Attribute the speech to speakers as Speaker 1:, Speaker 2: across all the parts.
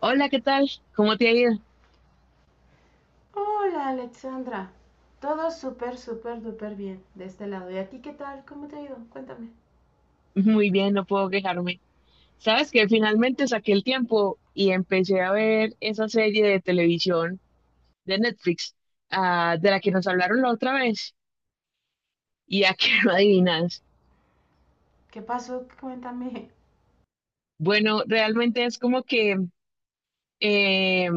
Speaker 1: Hola, ¿qué tal? ¿Cómo te ha ido?
Speaker 2: Hola Alexandra, todo súper, súper, súper bien de este lado. ¿Y a ti qué tal? ¿Cómo te ha ido? Cuéntame.
Speaker 1: Muy bien, no puedo quejarme. Sabes que finalmente saqué el tiempo y empecé a ver esa serie de televisión de Netflix, ah, de la que nos hablaron la otra vez y a que no adivinas.
Speaker 2: ¿Qué pasó? Cuéntame.
Speaker 1: Bueno, realmente es como que eh,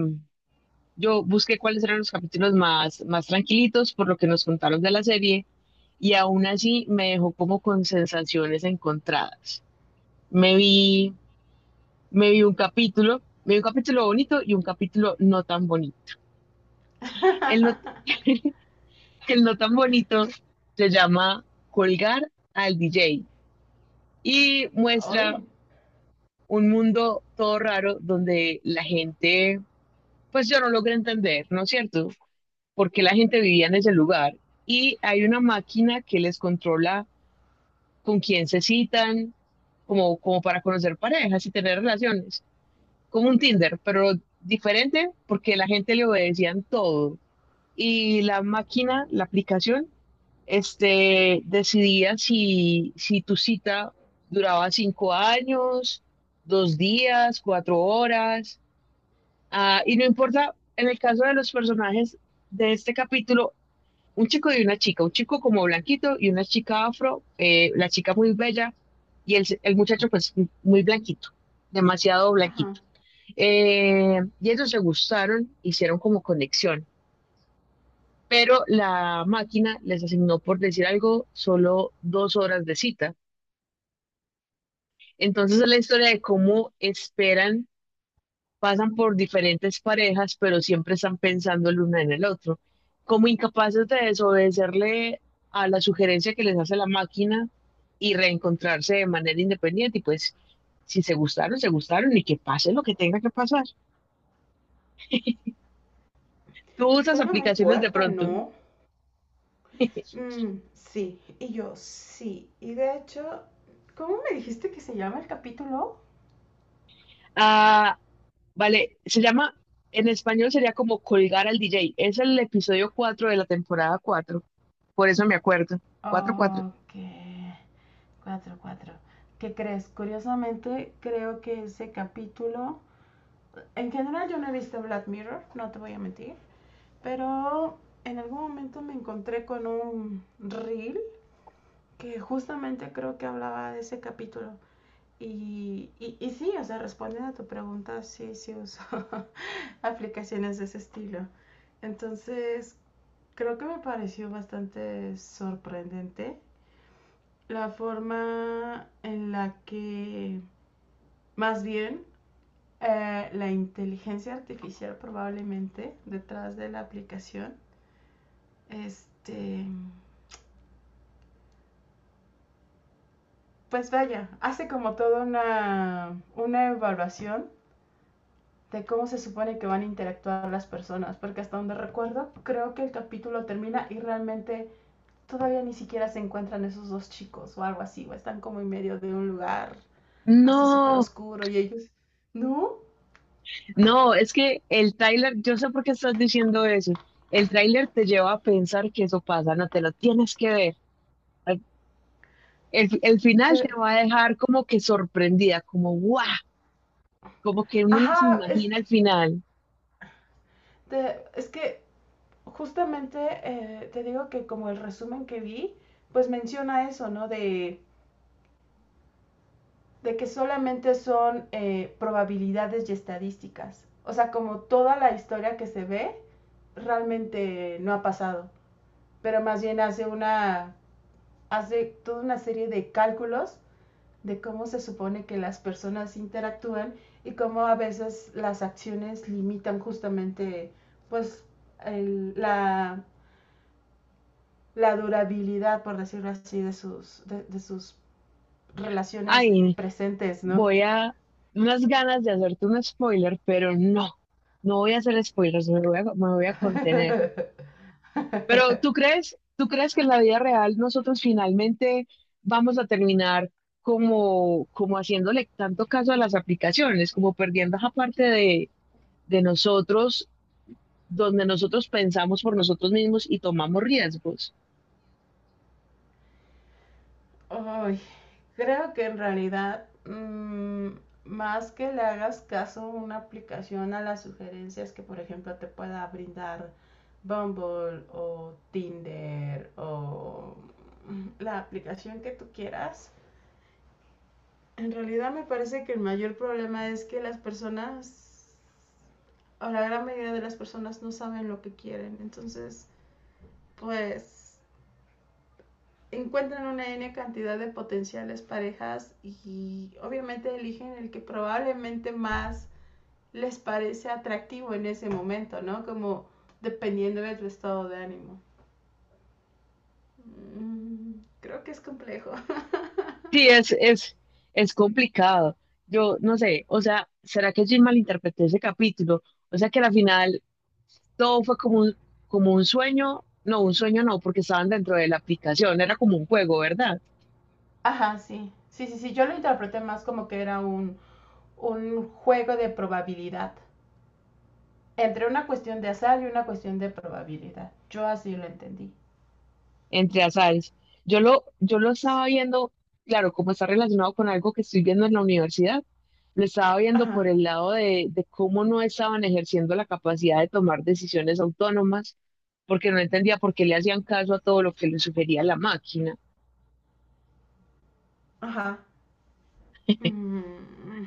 Speaker 1: yo busqué cuáles eran los capítulos más tranquilitos por lo que nos contaron de la serie y aún así me dejó como con sensaciones encontradas. Me vi Me vi un capítulo, me vi un capítulo bonito y un capítulo no tan bonito. El no, El no tan bonito se llama Colgar al DJ y muestra
Speaker 2: Hoy.
Speaker 1: un mundo todo raro donde la gente, pues yo no logré entender, ¿no es cierto? Porque la gente vivía en ese lugar y hay una máquina que les controla con quién se citan, como para conocer parejas y tener relaciones, como un Tinder, pero diferente porque la gente le obedecían todo. Y la máquina, la aplicación, decidía si tu cita duraba 5 años, 2 días, 4 horas, ah, y no importa, en el caso de los personajes de este capítulo, un chico y una chica, un chico como blanquito y una chica afro, la chica muy bella y el muchacho pues muy blanquito, demasiado
Speaker 2: Ajá.
Speaker 1: blanquito. Y ellos se gustaron, hicieron como conexión pero la máquina les asignó, por decir algo, solo 2 horas de cita. Entonces es la historia de cómo esperan, pasan por diferentes parejas, pero siempre están pensando el uno en el otro, como incapaces de desobedecerle a la sugerencia que les hace la máquina y reencontrarse de manera independiente y pues si se gustaron, se gustaron y que pase lo que tenga que pasar. ¿Tú usas
Speaker 2: Suena muy
Speaker 1: aplicaciones de
Speaker 2: fuerte,
Speaker 1: pronto?
Speaker 2: ¿no? Mm, sí, y yo sí. Y de hecho, ¿cómo me dijiste que se llama el capítulo?
Speaker 1: Ah, vale, se llama, en español sería como colgar al DJ. Es el episodio 4 de la temporada cuatro, por eso me acuerdo. Cuatro, cuatro.
Speaker 2: Ok. Cuatro, cuatro. ¿Qué crees? Curiosamente, creo que ese capítulo. En general, yo no he visto Black Mirror, no te voy a mentir. Pero en algún momento me encontré con un reel que justamente creo que hablaba de ese capítulo. Y sí, o sea, respondiendo a tu pregunta, sí, sí uso aplicaciones de ese estilo. Entonces, creo que me pareció bastante sorprendente la forma en la que, más bien, la inteligencia artificial probablemente detrás de la aplicación, este, pues vaya, hace como toda una evaluación de cómo se supone que van a interactuar las personas, porque hasta donde recuerdo, creo que el capítulo termina y realmente todavía ni siquiera se encuentran esos dos chicos o algo así, o están como en medio de un lugar así súper
Speaker 1: No,
Speaker 2: oscuro y ellos, ¿no?
Speaker 1: no, es que el tráiler, yo sé por qué estás diciendo eso. El tráiler te lleva a pensar que eso pasa, no te lo tienes que ver. Al- el final te
Speaker 2: Te-
Speaker 1: va a dejar como que sorprendida, como guau, como que uno no se
Speaker 2: ajá,
Speaker 1: imagina el final.
Speaker 2: es que justamente te digo que como el resumen que vi, pues menciona eso, ¿no? De que solamente son probabilidades y estadísticas. O sea, como toda la historia que se ve realmente no ha pasado, pero más bien hace toda una serie de cálculos de cómo se supone que las personas interactúan y cómo a veces las acciones limitan justamente pues el, la, la durabilidad, por decirlo así, de sus
Speaker 1: Ay,
Speaker 2: relaciones
Speaker 1: no.
Speaker 2: presentes, ¿no?
Speaker 1: Voy a unas ganas de hacerte un spoiler, pero no, no voy a hacer spoilers, me voy a contener. Pero ¿Tú crees que en la vida real nosotros finalmente vamos a terminar como, como haciéndole tanto caso a las aplicaciones, como perdiendo esa parte de nosotros, donde nosotros pensamos por nosotros mismos y tomamos riesgos?
Speaker 2: Ay, creo que en realidad, más que le hagas caso a una aplicación a las sugerencias que, por ejemplo, te pueda brindar Bumble o Tinder o la aplicación que tú quieras, en realidad me parece que el mayor problema es que las personas, o la gran mayoría de las personas, no saben lo que quieren. Entonces, pues encuentran una N cantidad de potenciales parejas y obviamente eligen el que probablemente más les parece atractivo en ese momento, ¿no? Como dependiendo de tu estado de ánimo. Mm, Creo que es complejo.
Speaker 1: Sí, es complicado. Yo no sé, o sea, ¿será que Jim malinterpretó ese capítulo? O sea que al final todo fue como un sueño no, porque estaban dentro de la aplicación, era como un juego, ¿verdad?
Speaker 2: Ajá, sí. Sí, sí, sí. Yo lo interpreté más como que era un juego de probabilidad. Entre una cuestión de azar y una cuestión de probabilidad. Yo así lo entendí.
Speaker 1: Entre azares. Yo lo estaba viendo, claro, como está relacionado con algo que estoy viendo en la universidad, lo estaba viendo
Speaker 2: Ajá,
Speaker 1: por el lado de cómo no estaban ejerciendo la capacidad de tomar decisiones autónomas, porque no entendía por qué le hacían caso a todo lo que les sugería la máquina.
Speaker 2: ajá. Mm.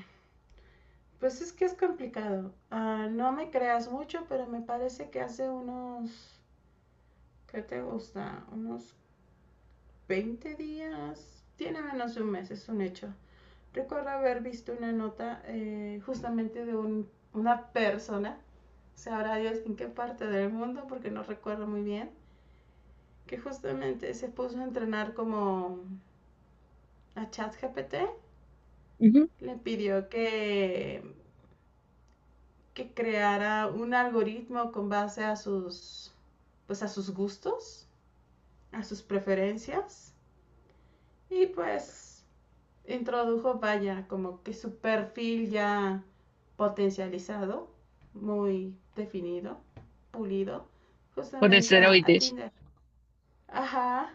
Speaker 2: Pues es que es complicado. Ah, no me creas mucho, pero me parece que hace unos, ¿qué te gusta? Unos 20 días, tiene menos de un mes, es un hecho. Recuerdo haber visto una nota justamente de una persona, sabrá Dios en qué parte del mundo, porque no recuerdo muy bien, que justamente se puso a entrenar como a ChatGPT,
Speaker 1: Ujú.
Speaker 2: le pidió que creara un algoritmo con base pues a sus gustos, a sus preferencias y pues introdujo, vaya, como que su perfil ya potencializado, muy definido, pulido,
Speaker 1: Con
Speaker 2: justamente a
Speaker 1: esteroides,
Speaker 2: Tinder. Ajá.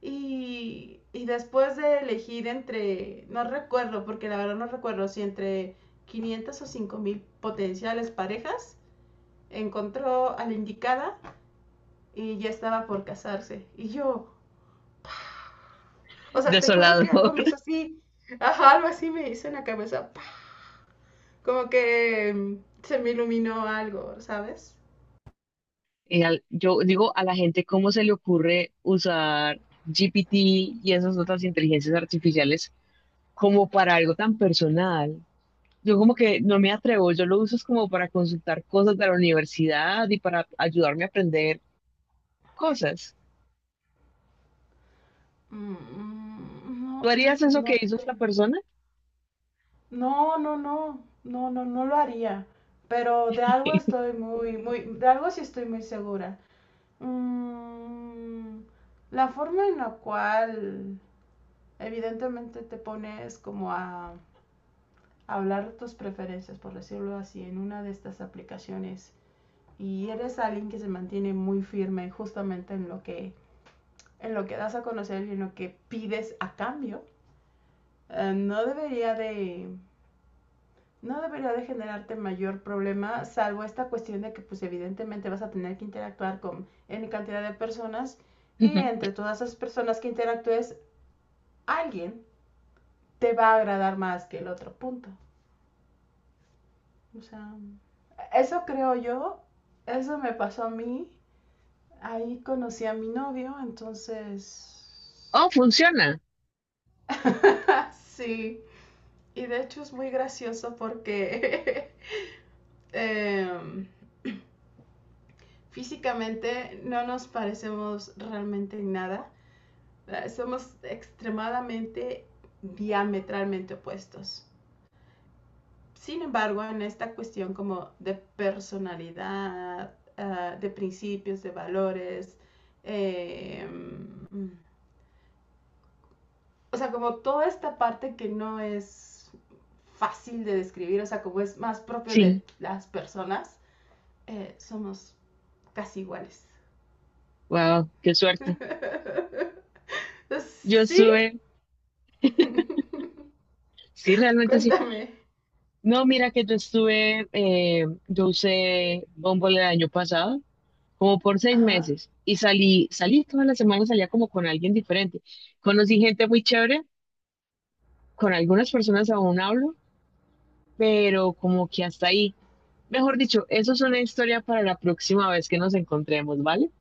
Speaker 2: Y después de elegir entre, no recuerdo, porque la verdad no recuerdo si entre 500 o 5000 potenciales parejas, encontró a la indicada y ya estaba por casarse. Y yo, o sea, te juro que
Speaker 1: desolador.
Speaker 2: algo me hizo así, ajá, algo así me hizo en la cabeza, ¡pah! Como que se me iluminó algo, ¿sabes?
Speaker 1: Yo digo, a la gente cómo se le ocurre usar GPT y esas otras inteligencias artificiales como para algo tan personal. Yo como que no me atrevo, yo lo uso es como para consultar cosas de la universidad y para ayudarme a aprender cosas.
Speaker 2: Mm,
Speaker 1: ¿Tú
Speaker 2: No, no,
Speaker 1: harías eso
Speaker 2: no,
Speaker 1: que hizo esta persona?
Speaker 2: no, no, no, no, no, no lo haría. Pero de algo sí estoy muy segura. Mm, la forma en la cual evidentemente te pones como a hablar tus preferencias, por decirlo así, en una de estas aplicaciones y eres alguien que se mantiene muy firme justamente en lo que, das a conocer y en lo que pides a cambio, eh, no debería de... No debería de generarte mayor problema, salvo esta cuestión de que pues evidentemente vas a tener que interactuar con N cantidad de personas y
Speaker 1: Ujú.
Speaker 2: entre todas esas personas que interactúes, alguien te va a agradar más que el otro punto. O sea, eso creo yo, eso me pasó a mí. Ahí conocí a mi novio, entonces...
Speaker 1: Oh, funciona.
Speaker 2: Sí. Y de hecho es muy gracioso porque em, físicamente no nos parecemos realmente en nada. Somos extremadamente diametralmente opuestos. Sin embargo, en esta cuestión como de personalidad, de principios, de valores, eh, o sea, como toda esta parte que no es fácil de describir, o sea, como es más propio
Speaker 1: Sí,
Speaker 2: de las personas, somos casi iguales.
Speaker 1: wow, qué suerte. Yo
Speaker 2: Sí,
Speaker 1: estuve, sí, realmente sí.
Speaker 2: cuéntame.
Speaker 1: No, mira que yo estuve, yo usé Bumble el año pasado como por seis
Speaker 2: Ajá.
Speaker 1: meses y salí todas las semanas, salía como con alguien diferente. Conocí gente muy chévere, con algunas personas aún hablo, pero como que hasta ahí. Mejor dicho, eso es una historia para la próxima vez que nos encontremos, ¿vale?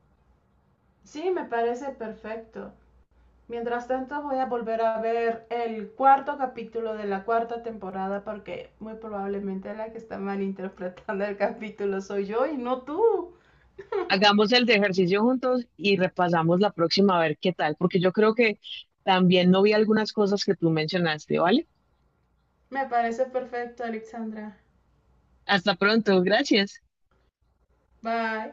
Speaker 2: Sí, me parece perfecto. Mientras tanto, voy a volver a ver el cuarto capítulo de la cuarta temporada porque muy probablemente la que está malinterpretando el capítulo soy yo y no tú.
Speaker 1: Hagamos el de ejercicio juntos y repasamos la próxima a ver qué tal, porque yo creo que también no vi algunas cosas que tú mencionaste, ¿vale?
Speaker 2: Me parece perfecto, Alexandra.
Speaker 1: Hasta pronto, gracias.
Speaker 2: Bye.